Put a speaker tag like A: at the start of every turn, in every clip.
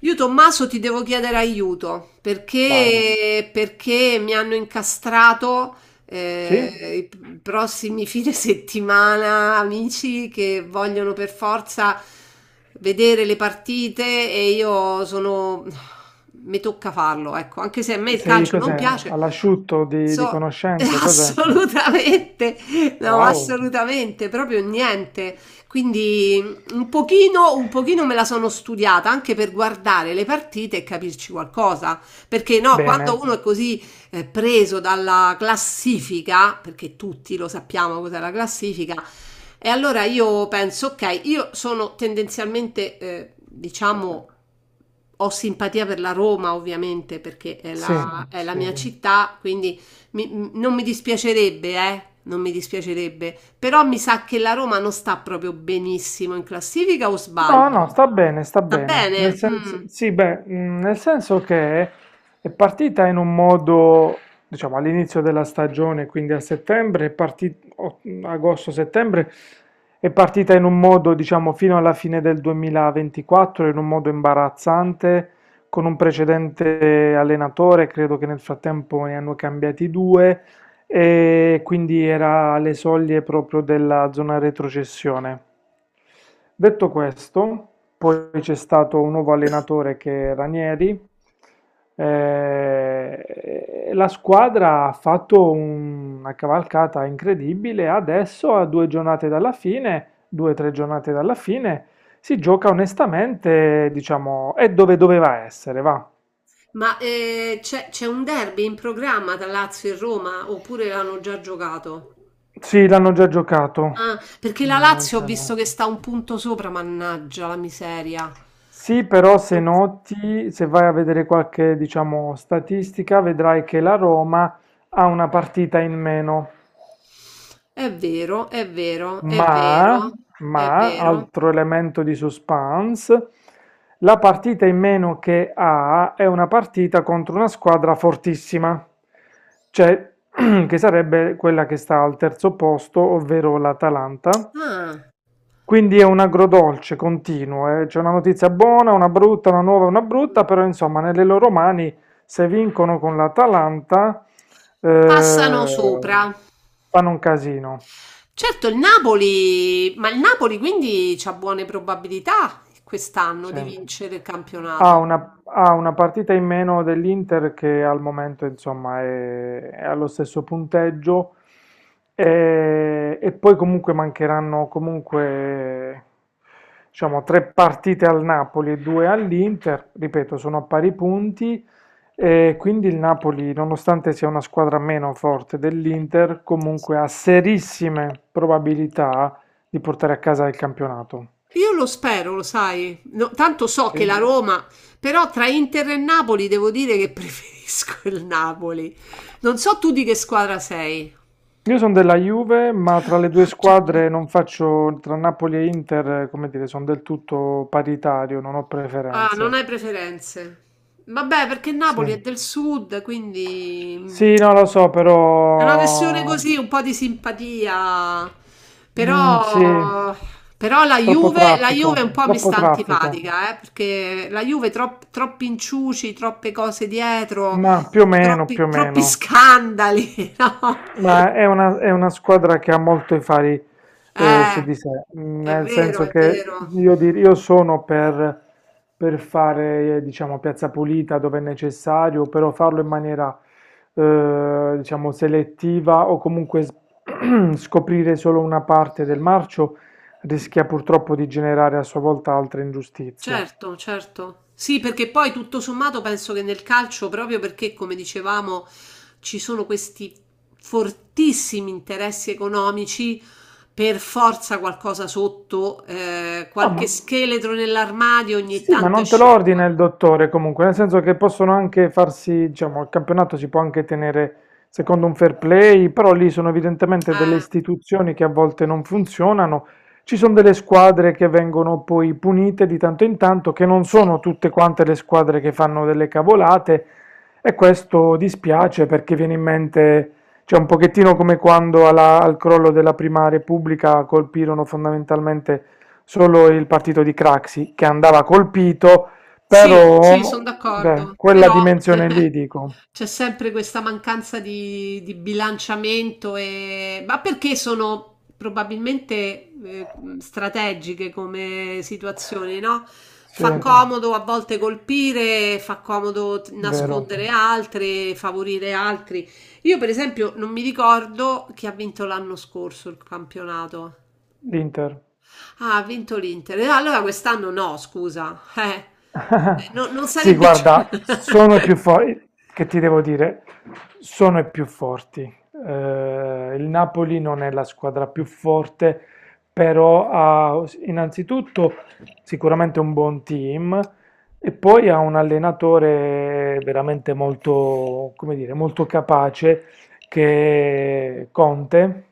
A: Io Tommaso ti devo chiedere aiuto
B: Vai.
A: perché mi hanno incastrato
B: Sì?
A: i prossimi fine settimana amici che vogliono per forza vedere le partite e io sono... Mi tocca farlo, ecco, anche se a me il
B: Sei
A: calcio non
B: cos'è?
A: piace.
B: All'asciutto di
A: So
B: conoscenze, cos'è?
A: assolutamente, no,
B: Wow,
A: assolutamente, proprio niente. Quindi mm, un pochino me la sono studiata anche per guardare le partite e capirci qualcosa. Perché no, quando
B: bene.
A: uno è così preso dalla classifica, perché tutti lo sappiamo cos'è la classifica, e allora io penso, ok, io sono tendenzialmente, diciamo, ho simpatia per la Roma, ovviamente, perché è
B: Sì,
A: la, è la mia
B: sì.
A: sì. Città, quindi non mi dispiacerebbe, non mi dispiacerebbe, però mi sa che la Roma non sta proprio benissimo in classifica, o
B: No, no,
A: sbaglio?
B: sta bene, sta
A: Sta
B: bene. Nel
A: bene? Mm.
B: senso, sì, beh, nel senso che è partita in un modo, diciamo, all'inizio della stagione, quindi a settembre, agosto-settembre, è partita in un modo, diciamo, fino alla fine del 2024, in un modo imbarazzante, con un precedente allenatore, credo che nel frattempo ne hanno cambiati due, e quindi era alle soglie proprio della zona retrocessione. Detto questo, poi c'è stato un nuovo allenatore che è Ranieri. eh, e la squadra ha fatto una cavalcata incredibile. Adesso, a due giornate dalla fine, due o tre giornate dalla fine, si gioca onestamente, diciamo, è dove doveva essere, va.
A: Ma c'è un derby in programma tra Lazio e Roma, oppure l'hanno già giocato?
B: Sì, l'hanno già giocato.
A: Ah, perché la
B: Non
A: Lazio ho
B: ce n'è.
A: visto che sta un punto sopra, mannaggia la miseria.
B: Sì, però se noti, se vai a vedere qualche, diciamo, statistica, vedrai che la Roma ha una partita in meno.
A: È vero, è vero, è
B: Ma,
A: vero, è
B: ma,
A: vero.
B: altro elemento di suspense, la partita in meno che ha è una partita contro una squadra fortissima, cioè che sarebbe quella che sta al terzo posto, ovvero l'Atalanta.
A: Ah,
B: Quindi è un agrodolce continuo, eh. C'è una notizia buona, una brutta, una nuova, una brutta,
A: mm.
B: però insomma nelle loro mani se vincono con l'Atalanta
A: Passano
B: eh,
A: sopra.
B: fanno un casino.
A: Certo, il Napoli, ma il Napoli quindi c'ha buone probabilità quest'anno
B: Sì.
A: di vincere il
B: Ha
A: campionato.
B: una, ha una partita in meno dell'Inter che al momento insomma è allo stesso punteggio e poi comunque mancheranno comunque, diciamo, tre partite al Napoli e due all'Inter, ripeto, sono a pari punti, e quindi il Napoli, nonostante sia una squadra meno forte dell'Inter, comunque ha serissime probabilità di portare a casa il campionato.
A: Io lo spero, lo sai. No, tanto so
B: Sì?
A: che la Roma, però tra Inter e Napoli devo dire che preferisco il Napoli. Non so tu di che squadra sei.
B: Io sono della Juve, ma tra le due squadre non faccio, tra Napoli e Inter, come dire, sono del tutto paritario, non ho
A: Ah, non
B: preferenze.
A: hai preferenze. Vabbè, perché Napoli è
B: Sì,
A: del sud, quindi mm,
B: sì, no, lo so,
A: è una questione
B: però
A: così, un po' di simpatia.
B: sì,
A: Però, però
B: troppo
A: La Juve un
B: traffico,
A: po' mi
B: troppo
A: sta
B: traffico.
A: antipatica, perché la Juve troppi inciuci, troppe cose dietro,
B: Ma più o meno, più
A: troppi,
B: o
A: troppi
B: meno.
A: scandali, no?
B: Ma è una squadra che ha molto i fari su
A: Eh,
B: di sé,
A: è
B: nel
A: vero,
B: senso
A: è
B: che
A: vero.
B: io sono per fare, diciamo, piazza pulita dove è necessario, però farlo in maniera, diciamo, selettiva, o comunque scoprire solo una parte del marcio rischia purtroppo di generare a sua volta altre ingiustizie.
A: Certo, certo. Sì, perché poi tutto sommato penso che nel calcio, proprio perché, come dicevamo, ci sono questi fortissimi interessi economici, per forza qualcosa sotto,
B: No,
A: qualche scheletro nell'armadio ogni
B: sì, ma
A: tanto
B: non te lo
A: esce
B: ordina
A: fuori.
B: il dottore comunque, nel senso che possono anche farsi, diciamo, il campionato si può anche tenere secondo un fair play, però lì sono evidentemente delle
A: Eh,
B: istituzioni che a volte non funzionano. Ci sono delle squadre che vengono poi punite di tanto in tanto, che non
A: sì.
B: sono tutte quante le squadre che fanno delle cavolate, e questo dispiace perché viene in mente, cioè, un pochettino come quando al crollo della Prima Repubblica colpirono fondamentalmente solo il partito di Craxi, che andava colpito,
A: Sì, sì, sono
B: però, beh,
A: d'accordo,
B: quella
A: però
B: dimensione lì, dico,
A: c'è sempre questa mancanza di bilanciamento e... Ma perché sono probabilmente strategiche come situazioni, no?
B: sì,
A: Fa comodo a volte colpire, fa comodo
B: vero,
A: nascondere altri, favorire altri. Io, per esempio, non mi ricordo chi ha vinto l'anno scorso il campionato.
B: l'Inter.
A: Ah, ha vinto l'Inter. Allora quest'anno no, scusa. Non
B: Sì,
A: sarebbe...
B: guarda, sono i più forti, che ti devo dire, sono i più forti. Il Napoli non è la squadra più forte, però ha innanzitutto sicuramente un buon team, e poi ha un allenatore veramente molto, come dire, molto capace, che è Conte,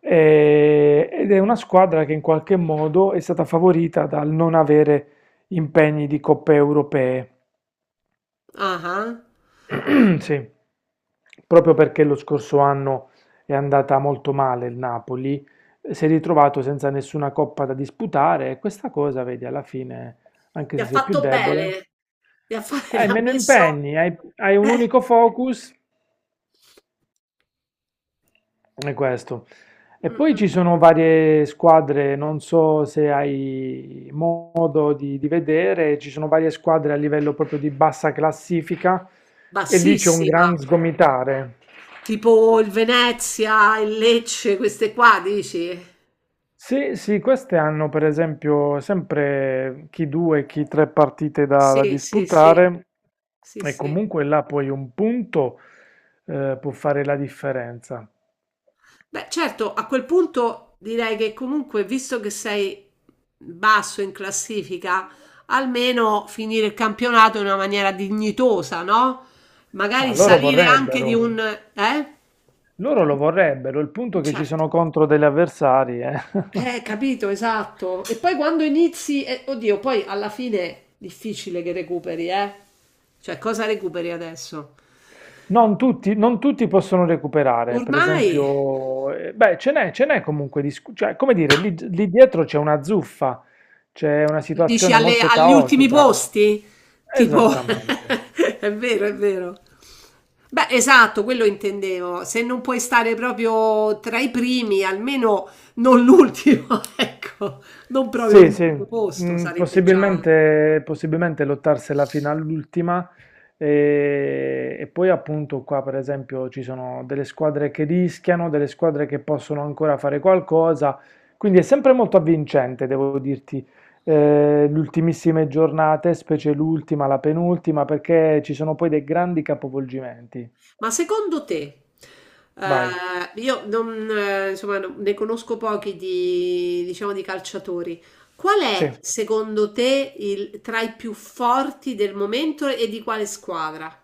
B: ed è una squadra che in qualche modo è stata favorita dal non avere impegni di coppe europee.
A: Ah, ah.
B: Sì, proprio perché lo scorso anno è andata molto male il Napoli, si è ritrovato senza nessuna coppa da disputare, e questa cosa, vedi, alla fine, anche
A: Gli
B: se
A: ha
B: sei più
A: fatto
B: debole,
A: bene. Gli ha, gli
B: hai
A: ha
B: meno
A: messo...
B: impegni, hai un
A: eh,
B: unico focus. È questo. E
A: mm,
B: poi
A: mm, mm.
B: ci sono varie squadre, non so se hai modo di vedere, ci sono varie squadre a livello proprio di bassa classifica, e lì c'è un
A: Bassissima.
B: gran sgomitare.
A: Tipo il Venezia, il Lecce, queste qua, dici?
B: Sì, sì, queste hanno per esempio sempre chi due, chi tre partite da,
A: Sì, sì, sì.
B: disputare,
A: Sì,
B: e
A: sì.
B: comunque là poi un punto può fare la differenza.
A: Beh, certo, a quel punto direi che comunque, visto che sei basso in classifica, almeno finire il campionato in una maniera dignitosa, no? Magari ma
B: Ma
A: io
B: loro
A: salire anche di un...
B: vorrebbero.
A: Eh?
B: Loro lo vorrebbero, il punto è che ci
A: Certo.
B: sono contro degli avversari. Eh.
A: Capito, esatto. E poi quando inizi... Eh, oddio, poi alla fine è difficile che recuperi, eh? Cioè, cosa recuperi adesso?
B: Non tutti, non tutti possono recuperare, per
A: Ormai...
B: esempio, beh, ce n'è comunque, cioè, come dire, lì, lì dietro c'è una zuffa, c'è una
A: Dici
B: situazione molto
A: agli ultimi
B: caotica.
A: posti? Tipo,
B: Esattamente.
A: è vero, è vero. Beh, esatto, quello intendevo. Se non puoi stare proprio tra i primi, almeno non l'ultimo, ecco, non proprio
B: Sì, sì,
A: l'ultimo posto, sarebbe già.
B: possibilmente, possibilmente lottarsela fino all'ultima, e poi appunto qua per esempio ci sono delle squadre che rischiano, delle squadre che possono ancora fare qualcosa, quindi è sempre molto avvincente, devo dirti, le ultimissime giornate, specie l'ultima, la penultima, perché ci sono poi dei grandi capovolgimenti.
A: Ma secondo te,
B: Vai,
A: io non, insomma, ne conosco pochi di, diciamo, di calciatori. Qual
B: sì.
A: è, secondo te, il, tra i più forti del momento e di quale squadra?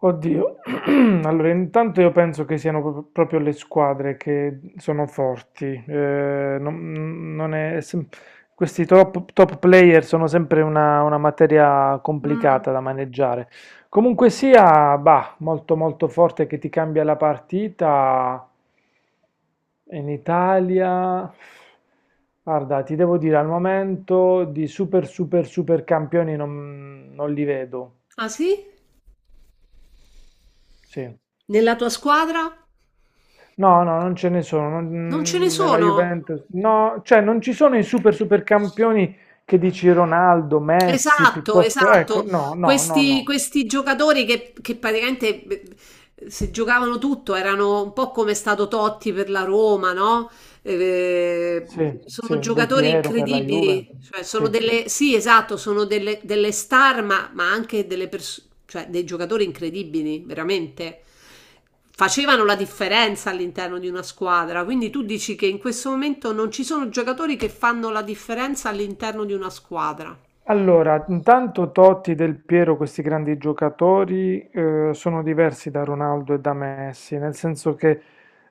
B: Oddio, allora intanto io penso che siano proprio le squadre che sono forti, non è questi top, top player sono sempre una materia complicata
A: Mh.
B: da maneggiare. Comunque sia, bah, molto molto forte che ti cambia la partita in Italia. Guarda, ti devo dire, al momento di super super super campioni non li vedo,
A: Ah sì?
B: sì.
A: Nella tua squadra?
B: No, no, non ce ne sono.
A: Non ce ne
B: Nella
A: sono?
B: Juventus, no, cioè non ci sono i super super campioni che dici Ronaldo, Messi,
A: Esatto,
B: piuttosto, ecco,
A: esatto.
B: no, no, no,
A: Questi,
B: no.
A: questi giocatori che praticamente se giocavano tutto erano un po' come è stato Totti per la Roma, no? Eh,
B: Sì,
A: sono
B: sì, Del
A: giocatori
B: Piero per la Juve.
A: incredibili, cioè sono
B: Sì.
A: delle, sì, esatto, sono delle, delle star, ma anche delle cioè dei giocatori incredibili, veramente. Facevano la differenza all'interno di una squadra, quindi tu dici che in questo momento non ci sono giocatori che fanno la differenza all'interno di una squadra.
B: Allora, intanto Totti, Del Piero, questi grandi giocatori, sono diversi da Ronaldo e da Messi, nel senso che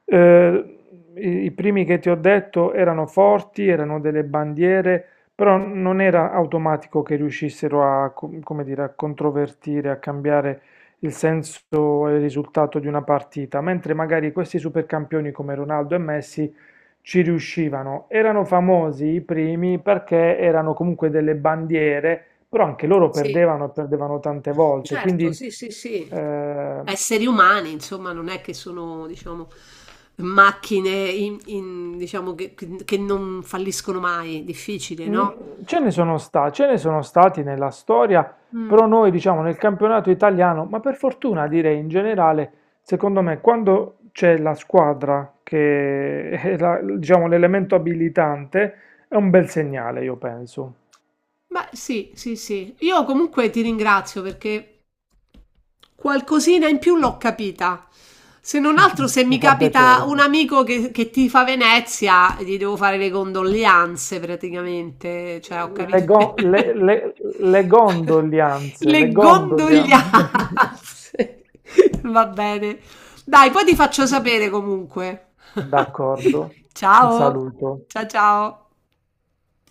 B: eh, i primi che ti ho detto erano forti, erano delle bandiere, però non era automatico che riuscissero a, come dire, a controvertire, a cambiare il senso e il risultato di una partita, mentre magari questi supercampioni come Ronaldo e Messi ci riuscivano, erano famosi i primi perché erano comunque delle bandiere, però anche loro
A: Sì,
B: perdevano e perdevano tante volte, quindi,
A: certo, sì, sì, sì.
B: eh,
A: Esseri umani, insomma, non è che sono, diciamo, macchine diciamo, che non falliscono mai, difficile, no?
B: ce ne sono stati nella storia,
A: Mm.
B: però noi diciamo nel campionato italiano, ma per fortuna direi in generale, secondo me quando c'è la squadra che è diciamo l'elemento abilitante, è un bel segnale, io penso.
A: Beh, sì, sì, sì. Io comunque ti ringrazio perché qualcosina in più l'ho capita. Se non altro, se mi
B: Mi fa
A: capita
B: piacere.
A: un amico che tifa Venezia, gli devo fare le condoglianze praticamente. Cioè, ho
B: Le,
A: capito.
B: go- le- le- le gondolianze, le
A: Le
B: gondolianze.
A: condoglianze. Va bene. Dai, poi ti faccio sapere comunque.
B: D'accordo, un
A: Ciao.
B: saluto.
A: Ciao ciao.